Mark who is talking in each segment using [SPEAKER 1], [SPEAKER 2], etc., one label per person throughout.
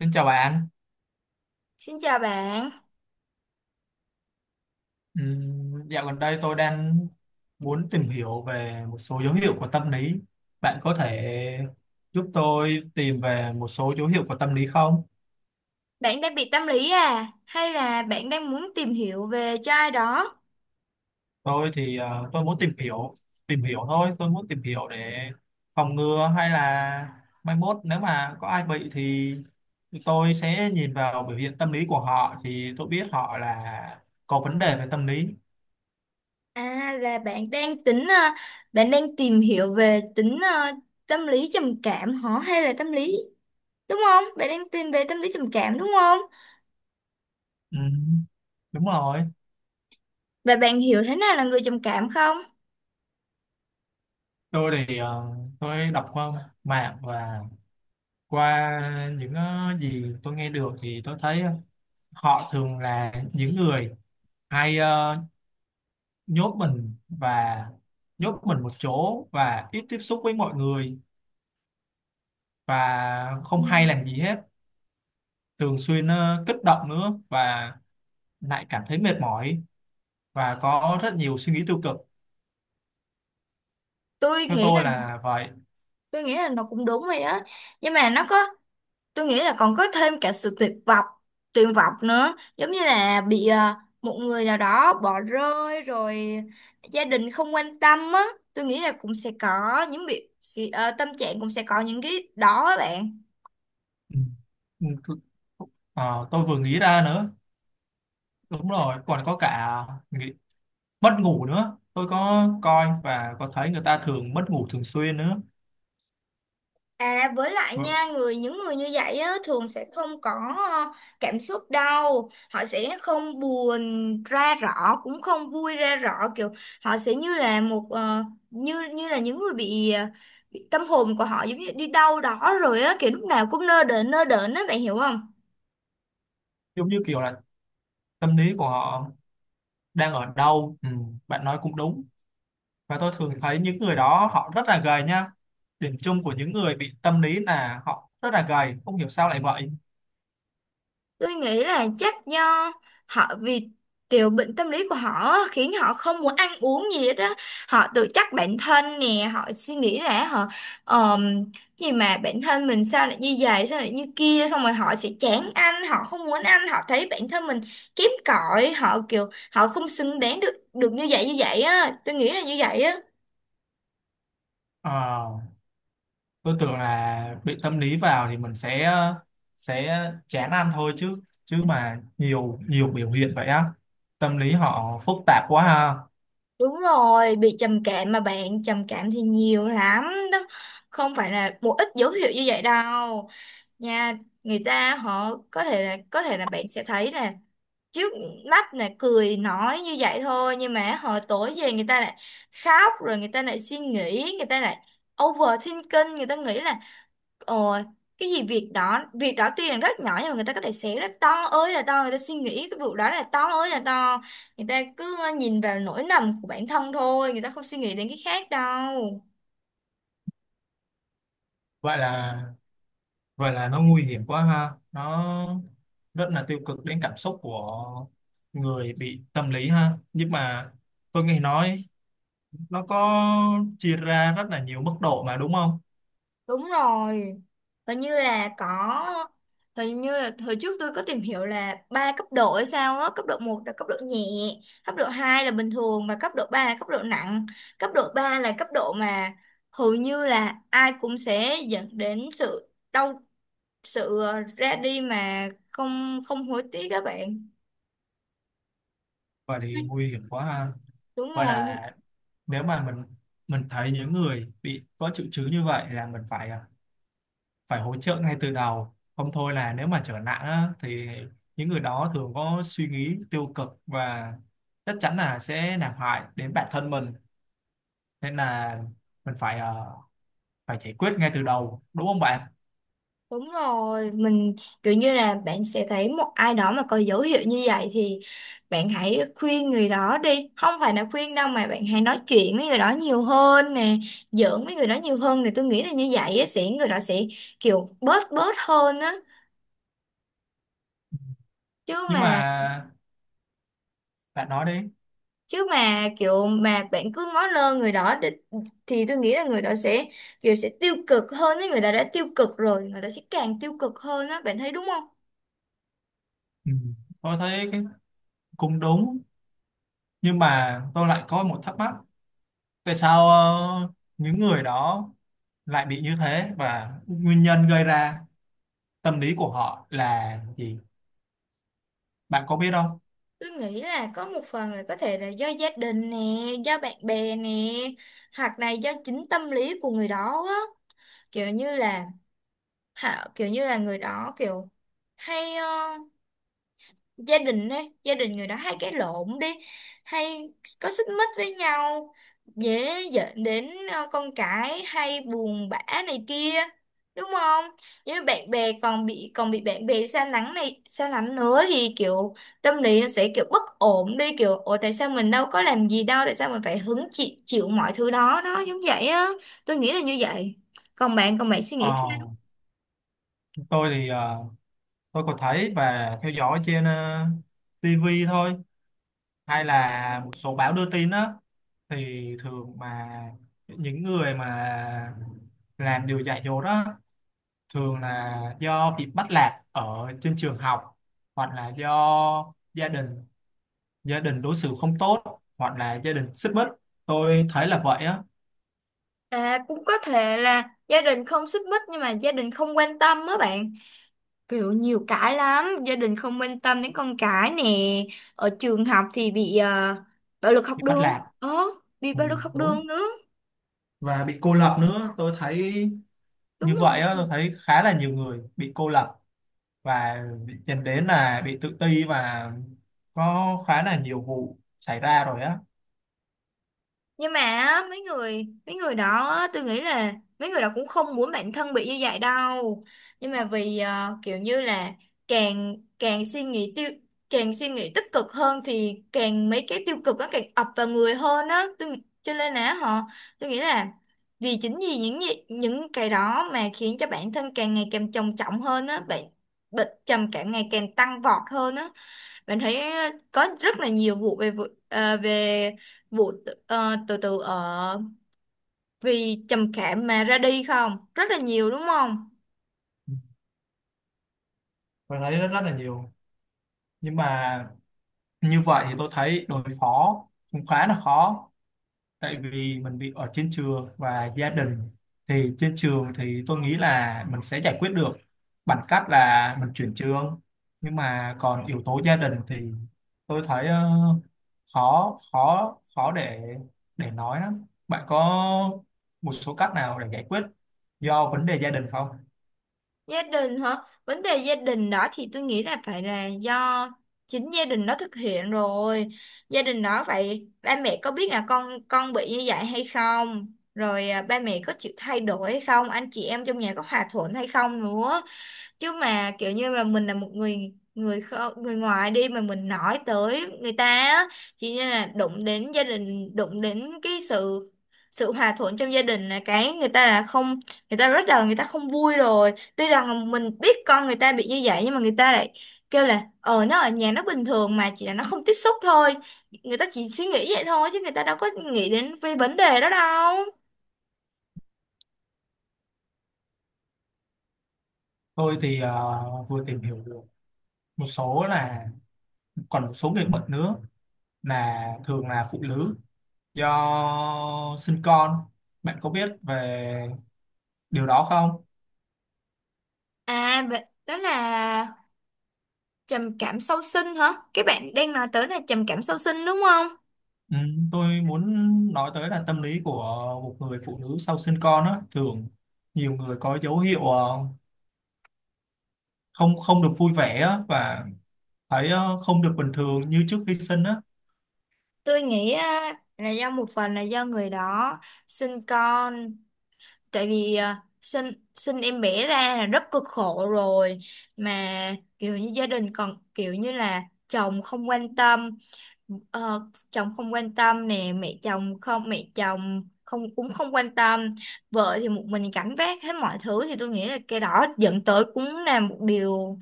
[SPEAKER 1] Xin chào bạn.
[SPEAKER 2] Xin chào bạn,
[SPEAKER 1] Dạo gần đây tôi đang muốn tìm hiểu về một số dấu hiệu của tâm lý. Bạn có thể giúp tôi tìm về một số dấu hiệu của tâm lý không?
[SPEAKER 2] bạn đang bị tâm lý à? Hay là bạn đang muốn tìm hiểu về cho ai đó?
[SPEAKER 1] Tôi thì tôi muốn tìm hiểu thôi. Tôi muốn tìm hiểu để phòng ngừa hay là mai mốt nếu mà có ai bị thì tôi sẽ nhìn vào biểu hiện tâm lý của họ thì tôi biết họ là có vấn đề về tâm lý.
[SPEAKER 2] À là bạn đang tính, bạn đang tìm hiểu về tính tâm lý trầm cảm hả? Hay là tâm lý, đúng không? Bạn đang tìm về tâm lý trầm cảm đúng không?
[SPEAKER 1] Ừm, đúng rồi.
[SPEAKER 2] Và bạn hiểu thế nào là người trầm cảm không?
[SPEAKER 1] Tôi thì tôi đọc qua mạng và qua những gì tôi nghe được thì tôi thấy họ thường là những người hay nhốt mình và nhốt mình một chỗ và ít tiếp xúc với mọi người và
[SPEAKER 2] Ừ.
[SPEAKER 1] không hay làm gì hết, thường xuyên kích động nữa và lại cảm thấy mệt mỏi và có rất nhiều suy nghĩ tiêu cực,
[SPEAKER 2] Tôi
[SPEAKER 1] theo
[SPEAKER 2] nghĩ là
[SPEAKER 1] tôi là vậy.
[SPEAKER 2] tôi nghĩ là nó cũng đúng vậy á, nhưng mà nó có tôi nghĩ là còn có thêm cả sự tuyệt vọng nữa, giống như là bị à, một người nào đó bỏ rơi rồi, gia đình không quan tâm á. Tôi nghĩ là cũng sẽ có những tâm trạng cũng sẽ có những cái đó á bạn.
[SPEAKER 1] Ừ. Ừ, ờ, tôi vừa nghĩ ra nữa, đúng rồi còn có cả mất ngủ nữa, tôi có coi và có thấy người ta thường mất ngủ thường xuyên nữa.
[SPEAKER 2] À, với lại
[SPEAKER 1] Ừ,
[SPEAKER 2] nha, những người như vậy á, thường sẽ không có ờ, cảm xúc đâu, họ sẽ không buồn ra rõ, cũng không vui ra rõ, kiểu họ sẽ như là một ờ, như như là những người bị, bị tâm hồn của họ giống như đi đâu đó rồi á, kiểu lúc nào cũng nơ đờn á, bạn hiểu không?
[SPEAKER 1] giống như kiểu là tâm lý của họ đang ở đâu. Ừ, bạn nói cũng đúng và tôi thường thấy những người đó họ rất là gầy nha, điểm chung của những người bị tâm lý là họ rất là gầy, không hiểu sao lại vậy.
[SPEAKER 2] Tôi nghĩ là chắc do họ vì tiểu bệnh tâm lý của họ á, khiến họ không muốn ăn uống gì hết á. Họ tự trách bản thân nè, họ suy nghĩ là họ ờm, gì mà bản thân mình sao lại như vậy, sao lại như kia, xong rồi họ sẽ chán ăn, họ không muốn ăn, họ thấy bản thân mình kém cỏi, họ kiểu họ không xứng đáng được được như vậy á. Tôi nghĩ là như vậy á.
[SPEAKER 1] Ờ, tôi tưởng là bị tâm lý vào thì mình sẽ chán ăn thôi chứ, chứ mà nhiều nhiều biểu hiện vậy á, tâm lý họ phức tạp quá ha.
[SPEAKER 2] Đúng rồi, bị trầm cảm mà bạn, trầm cảm thì nhiều lắm đó. Không phải là một ít dấu hiệu như vậy đâu nha. Người ta họ có thể là bạn sẽ thấy là trước mắt là cười nói như vậy thôi, nhưng mà họ tối về người ta lại khóc, rồi người ta lại suy nghĩ, người ta lại overthinking, người ta nghĩ là ồ, cái gì việc đó tuy là rất nhỏ nhưng mà người ta có thể xé rất to, ơi là to, người ta suy nghĩ cái vụ đó là to ơi là to, người ta cứ nhìn vào nỗi lầm của bản thân thôi, người ta không suy nghĩ đến cái khác đâu.
[SPEAKER 1] Vậy là Vậy là nó nguy hiểm quá ha. Nó rất là tiêu cực đến cảm xúc của người bị tâm lý ha. Nhưng mà tôi nghe nói nó có chia ra rất là nhiều mức độ mà đúng không?
[SPEAKER 2] Đúng rồi. Hình như là có hình như là hồi trước tôi có tìm hiểu là ba cấp độ hay sao á, cấp độ một là cấp độ nhẹ, cấp độ 2 là bình thường và cấp độ 3 là cấp độ nặng. Cấp độ 3 là cấp độ mà hầu như là ai cũng sẽ dẫn đến sự đau sự ờ, ra đi mà không không hối tiếc các bạn.
[SPEAKER 1] Vậy thì nguy hiểm quá ha.
[SPEAKER 2] Đúng
[SPEAKER 1] Vậy
[SPEAKER 2] rồi,
[SPEAKER 1] là nếu mà mình thấy những người bị có triệu chứng như vậy là mình phải phải hỗ trợ ngay từ đầu. Không thôi là nếu mà trở nặng á, thì những người đó thường có suy nghĩ tiêu cực và chắc chắn là sẽ làm hại đến bản thân mình, nên là mình phải phải giải quyết ngay từ đầu đúng không bạn.
[SPEAKER 2] Đúng rồi, mình kiểu như là bạn sẽ thấy một ai đó mà có dấu hiệu như vậy thì bạn hãy khuyên người đó đi. Không phải là khuyên đâu mà bạn hãy nói chuyện với người đó nhiều hơn nè, giỡn với người đó nhiều hơn thì tôi nghĩ là như vậy á, sẽ người đó sẽ kiểu bớt bớt hơn á. Chứ
[SPEAKER 1] Nhưng
[SPEAKER 2] mà
[SPEAKER 1] mà bạn nói đi.
[SPEAKER 2] chứ mà kiểu mà bạn cứ ngó lơ thì tôi nghĩ là người đó sẽ kiểu sẽ tiêu cực hơn ấy, người ta đã tiêu cực rồi, người ta sẽ càng tiêu cực hơn á, bạn thấy đúng không?
[SPEAKER 1] Ừ, tôi thấy cái cũng đúng, nhưng mà tôi lại có một thắc mắc, tại sao những người đó lại bị như thế và nguyên nhân gây ra tâm lý của họ là gì, bạn có biết không?
[SPEAKER 2] Tôi nghĩ là có một phần là có thể là do gia đình nè, do bạn bè nè, hoặc là do chính tâm lý của người đó á. Kiểu như là họ người đó kiểu hay gia đình ấy, gia đình người đó hay cãi lộn đi, hay có xích mích với nhau, dễ dẫn đến con cái hay buồn bã này kia, đúng không? Với bạn bè còn bị bạn bè xa lánh này, xa lánh nữa, thì kiểu tâm lý nó sẽ kiểu bất ổn đi, kiểu ủa tại sao mình đâu có làm gì đâu, tại sao mình phải hứng chịu chịu mọi thứ đó đó giống vậy á. Tôi nghĩ là như vậy. Còn bạn suy nghĩ
[SPEAKER 1] ờ,
[SPEAKER 2] sao?
[SPEAKER 1] tôi thì tôi có thấy và theo dõi trên TV thôi, hay là một số báo đưa tin á, thì thường mà những người mà làm điều dạy dỗ đó thường là do bị bắt nạt ở trên trường học, hoặc là do gia đình đối xử không tốt hoặc là gia đình xích mích, tôi thấy là vậy á.
[SPEAKER 2] À cũng có thể là gia đình không xích mích nhưng mà gia đình không quan tâm á bạn. Kiểu nhiều cái lắm, gia đình không quan tâm đến con cái nè, ở trường học thì bị bạo lực học
[SPEAKER 1] Bị bắt
[SPEAKER 2] đường.
[SPEAKER 1] nạt.
[SPEAKER 2] Ờ, bị
[SPEAKER 1] Ừ,
[SPEAKER 2] bạo lực học
[SPEAKER 1] đúng,
[SPEAKER 2] đường nữa.
[SPEAKER 1] và bị cô lập nữa tôi thấy, như
[SPEAKER 2] Đúng
[SPEAKER 1] vậy
[SPEAKER 2] rồi.
[SPEAKER 1] á, tôi thấy khá là nhiều người bị cô lập và dẫn đến là bị tự ti và có khá là nhiều vụ xảy ra rồi á.
[SPEAKER 2] Nhưng mà á, mấy người đó á, tôi nghĩ là mấy người đó cũng không muốn bản thân bị như vậy đâu, nhưng mà vì kiểu như là càng càng suy nghĩ tiêu càng suy nghĩ tích cực hơn thì càng mấy cái tiêu cực nó càng ập vào người hơn á, tôi nghĩ- cho nên là họ tôi nghĩ là vì chính vì những những cái đó mà khiến cho bản thân càng ngày càng trầm trọng hơn á, bệnh bệnh trầm cảm ngày càng tăng vọt hơn á. Bạn thấy có rất là nhiều vụ về tự tử ở vì trầm cảm mà ra đi không? Rất là nhiều đúng không?
[SPEAKER 1] Ừ, tôi thấy rất rất là nhiều, nhưng mà như vậy thì tôi thấy đối phó cũng khá là khó, tại vì mình bị ở trên trường và gia đình, thì trên trường thì tôi nghĩ là mình sẽ giải quyết được bằng cách là mình chuyển trường, nhưng mà còn yếu tố gia đình thì tôi thấy khó khó khó để nói lắm, bạn có một số cách nào để giải quyết do vấn đề gia đình không?
[SPEAKER 2] Gia đình hả? Vấn đề gia đình đó thì tôi nghĩ là phải là do chính gia đình đó thực hiện rồi. Gia đình đó vậy ba mẹ có biết là con bị như vậy hay không? Rồi à, ba mẹ có chịu thay đổi hay không? Anh chị em trong nhà có hòa thuận hay không nữa? Chứ mà kiểu như là mình là một người người người ngoài đi mà mình nói tới người ta á, chỉ như là đụng đến gia đình, đụng đến cái sự sự hòa thuận trong gia đình là người ta là không, người ta không vui rồi. Tuy rằng là mình biết con người ta bị như vậy nhưng mà người ta lại kêu là ờ, nó ở nhà nó bình thường mà, chỉ là nó không tiếp xúc thôi. Người ta chỉ suy nghĩ vậy thôi chứ người ta đâu có nghĩ đến về vấn đề đó đâu.
[SPEAKER 1] Tôi thì vừa tìm hiểu được một số là còn một số người bệnh nữa là thường là phụ nữ do sinh con, bạn có biết về điều đó không?
[SPEAKER 2] À vậy- đó là Trầm cảm sau sinh hả? Cái bạn đang nói tới là trầm cảm sau sinh đúng không?
[SPEAKER 1] Ừ, tôi muốn nói tới là tâm lý của một người phụ nữ sau sinh con á, thường nhiều người có dấu hiệu không không được vui vẻ á, và thấy không được bình thường như trước khi sinh á.
[SPEAKER 2] Tôi nghĩ à, là do một phần là do người đó sinh con, tại vì à, sinh sinh em bé ra là rất cực khổ rồi, mà kiểu như gia đình còn kiểu như là chồng không quan tâm, ờ, chồng không quan tâm nè, mẹ chồng không cũng không quan tâm, vợ thì một mình gánh vác hết mọi thứ, thì tôi nghĩ là cái đó dẫn tới cũng là một điều.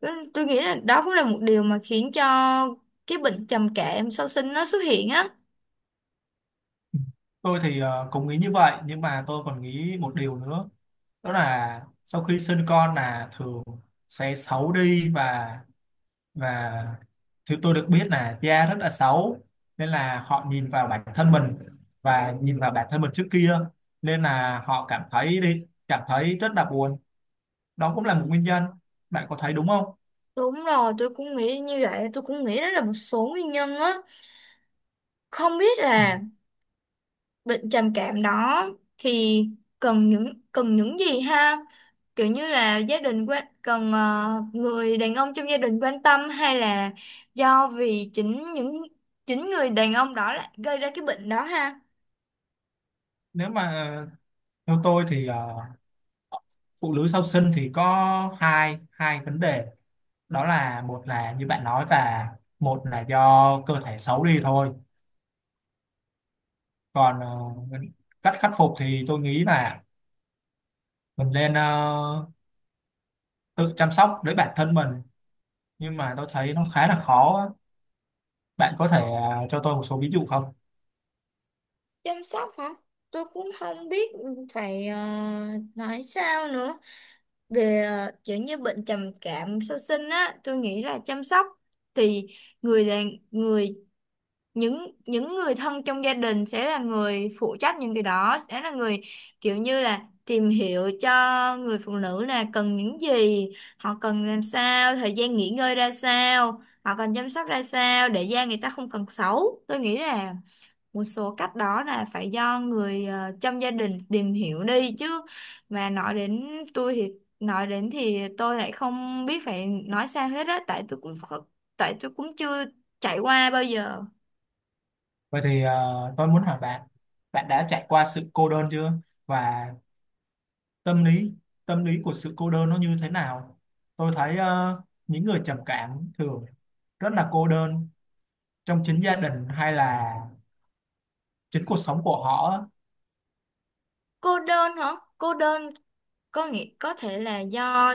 [SPEAKER 2] Tôi nghĩ là đó cũng là một điều mà khiến cho cái bệnh trầm cảm sau sinh nó xuất hiện á.
[SPEAKER 1] Ừ. Tôi thì cũng nghĩ như vậy nhưng mà tôi còn nghĩ một điều nữa, đó là sau khi sinh con là thường sẽ xấu đi và thứ tôi được biết là da rất là xấu, nên là họ nhìn vào bản thân mình và nhìn vào bản thân mình trước kia, nên là họ cảm thấy rất là buồn, đó cũng là một nguyên nhân, bạn có thấy đúng không?
[SPEAKER 2] Đúng rồi, tôi cũng nghĩ như vậy, tôi cũng nghĩ đó là một số nguyên nhân á. Không biết
[SPEAKER 1] Ừ.
[SPEAKER 2] là bệnh trầm cảm đó thì cần những gì ha? Kiểu như là gia đình quan cần ờ, người đàn ông trong gia đình quan tâm, hay là do vì chính người đàn ông đó lại gây ra cái bệnh đó ha?
[SPEAKER 1] Nếu mà theo tôi thì phụ nữ sau sinh thì có hai hai vấn đề, đó là một là như bạn nói và một là do cơ thể xấu đi thôi, còn cách khắc phục thì tôi nghĩ là mình nên tự chăm sóc lấy bản thân mình, nhưng mà tôi thấy nó khá là khó á. Bạn có thể cho tôi một số ví dụ không?
[SPEAKER 2] Chăm sóc hả? Tôi cũng không biết phải nói sao nữa. Về kiểu như bệnh trầm cảm sau sinh á, tôi nghĩ là chăm sóc thì người là người những người thân trong gia đình sẽ là người phụ trách những cái đó, sẽ là người kiểu như là tìm hiểu cho người phụ nữ là cần những gì, họ cần làm sao, thời gian nghỉ ngơi ra sao, họ cần chăm sóc ra sao để da người ta không cần xấu. Tôi nghĩ là một số cách đó là phải do người trong gia đình tìm hiểu đi. Chứ mà nói đến tôi thì nói đến thì tôi lại không biết phải nói sao hết á, tại tôi cũng chưa trải qua bao giờ.
[SPEAKER 1] Vậy thì tôi muốn hỏi bạn, bạn đã trải qua sự cô đơn chưa? Và tâm lý tâm lý của sự cô đơn nó như thế nào? Tôi thấy những người trầm cảm thường rất là cô đơn trong chính gia đình hay là chính cuộc sống của họ á.
[SPEAKER 2] Cô đơn hả? Cô đơn có nghĩa có thể là do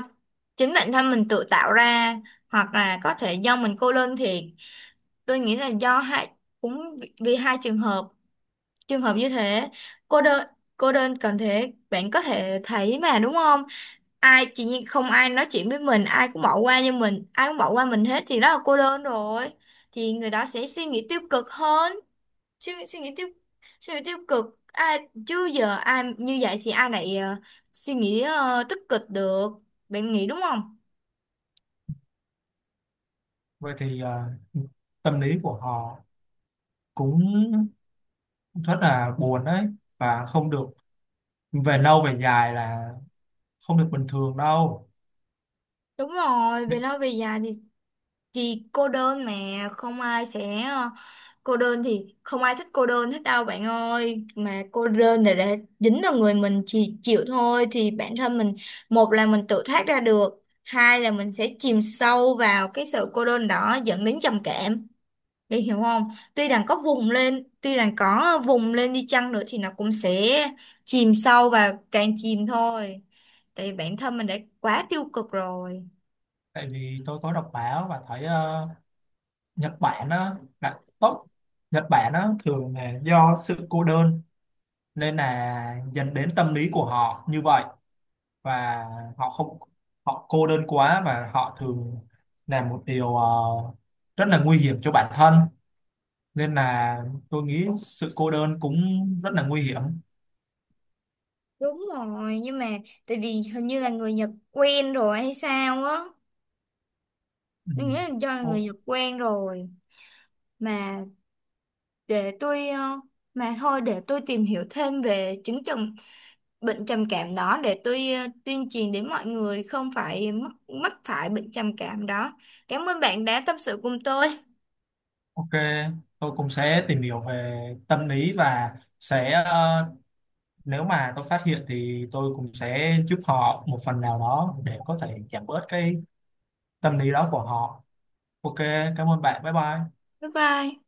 [SPEAKER 2] chính bản thân mình tự tạo ra, hoặc là có thể do mình cô đơn thiệt. Tôi nghĩ là do hai, cũng vì vì hai trường hợp. Trường hợp như thế, cô đơn cô đơn cần thế, bạn có thể thấy mà đúng không? Ai chỉ như không ai nói chuyện với mình, ai cũng bỏ qua như mình, ai cũng bỏ qua mình hết thì đó là cô đơn rồi. Thì người đó sẽ suy nghĩ tiêu cực hơn, suy, suy nghĩ tiêu suy nghĩ tiêu cực. Ai chứ giờ ai như vậy thì ai lại suy nghĩ tích cực được. Bạn nghĩ đúng không?
[SPEAKER 1] Vậy thì tâm lý của họ cũng rất là buồn đấy, và không được, về lâu về dài là không được bình thường đâu.
[SPEAKER 2] Đúng rồi, về lâu về dài thì cô đơn mà không cô đơn thì không ai thích cô đơn hết đâu bạn ơi, mà cô đơn là để dính vào người mình chỉ chịu thôi, thì bản thân mình một là mình tự thoát ra được, hai là mình sẽ chìm sâu vào cái sự cô đơn đó dẫn đến trầm cảm, để hiểu không? Tuy rằng có vùng lên tuy rằng có vùng lên đi chăng nữa thì nó cũng sẽ chìm sâu và càng chìm thôi, tại vì bản thân mình đã quá tiêu cực rồi.
[SPEAKER 1] Tại vì tôi có đọc báo và thấy Nhật Bản á là tốt, Nhật Bản á thường là do sự cô đơn nên là dẫn đến tâm lý của họ như vậy, và họ không, họ cô đơn quá và họ thường làm một điều rất là nguy hiểm cho bản thân, nên là tôi nghĩ sự cô đơn cũng rất là nguy hiểm.
[SPEAKER 2] Đúng rồi, nhưng mà tại vì hình như là người Nhật quen rồi hay sao á.
[SPEAKER 1] Ừ.
[SPEAKER 2] Tôi nghĩ là do là người
[SPEAKER 1] O-
[SPEAKER 2] Nhật quen rồi. Mà để tôi, ờ, mà thôi để tôi tìm hiểu thêm về chứng trầm bệnh trầm cảm đó để tôi tuyên truyền đến mọi người không phải mắc phải bệnh trầm cảm đó. Cảm ơn bạn đã tâm sự cùng tôi.
[SPEAKER 1] ok, tôi cũng sẽ tìm hiểu về tâm lý và sẽ nếu mà tôi phát hiện thì tôi cũng sẽ giúp họ một phần nào đó để có thể giảm bớt cái tâm lý đó của họ. Ok, cảm ơn bạn, bye bye.
[SPEAKER 2] Bye bye.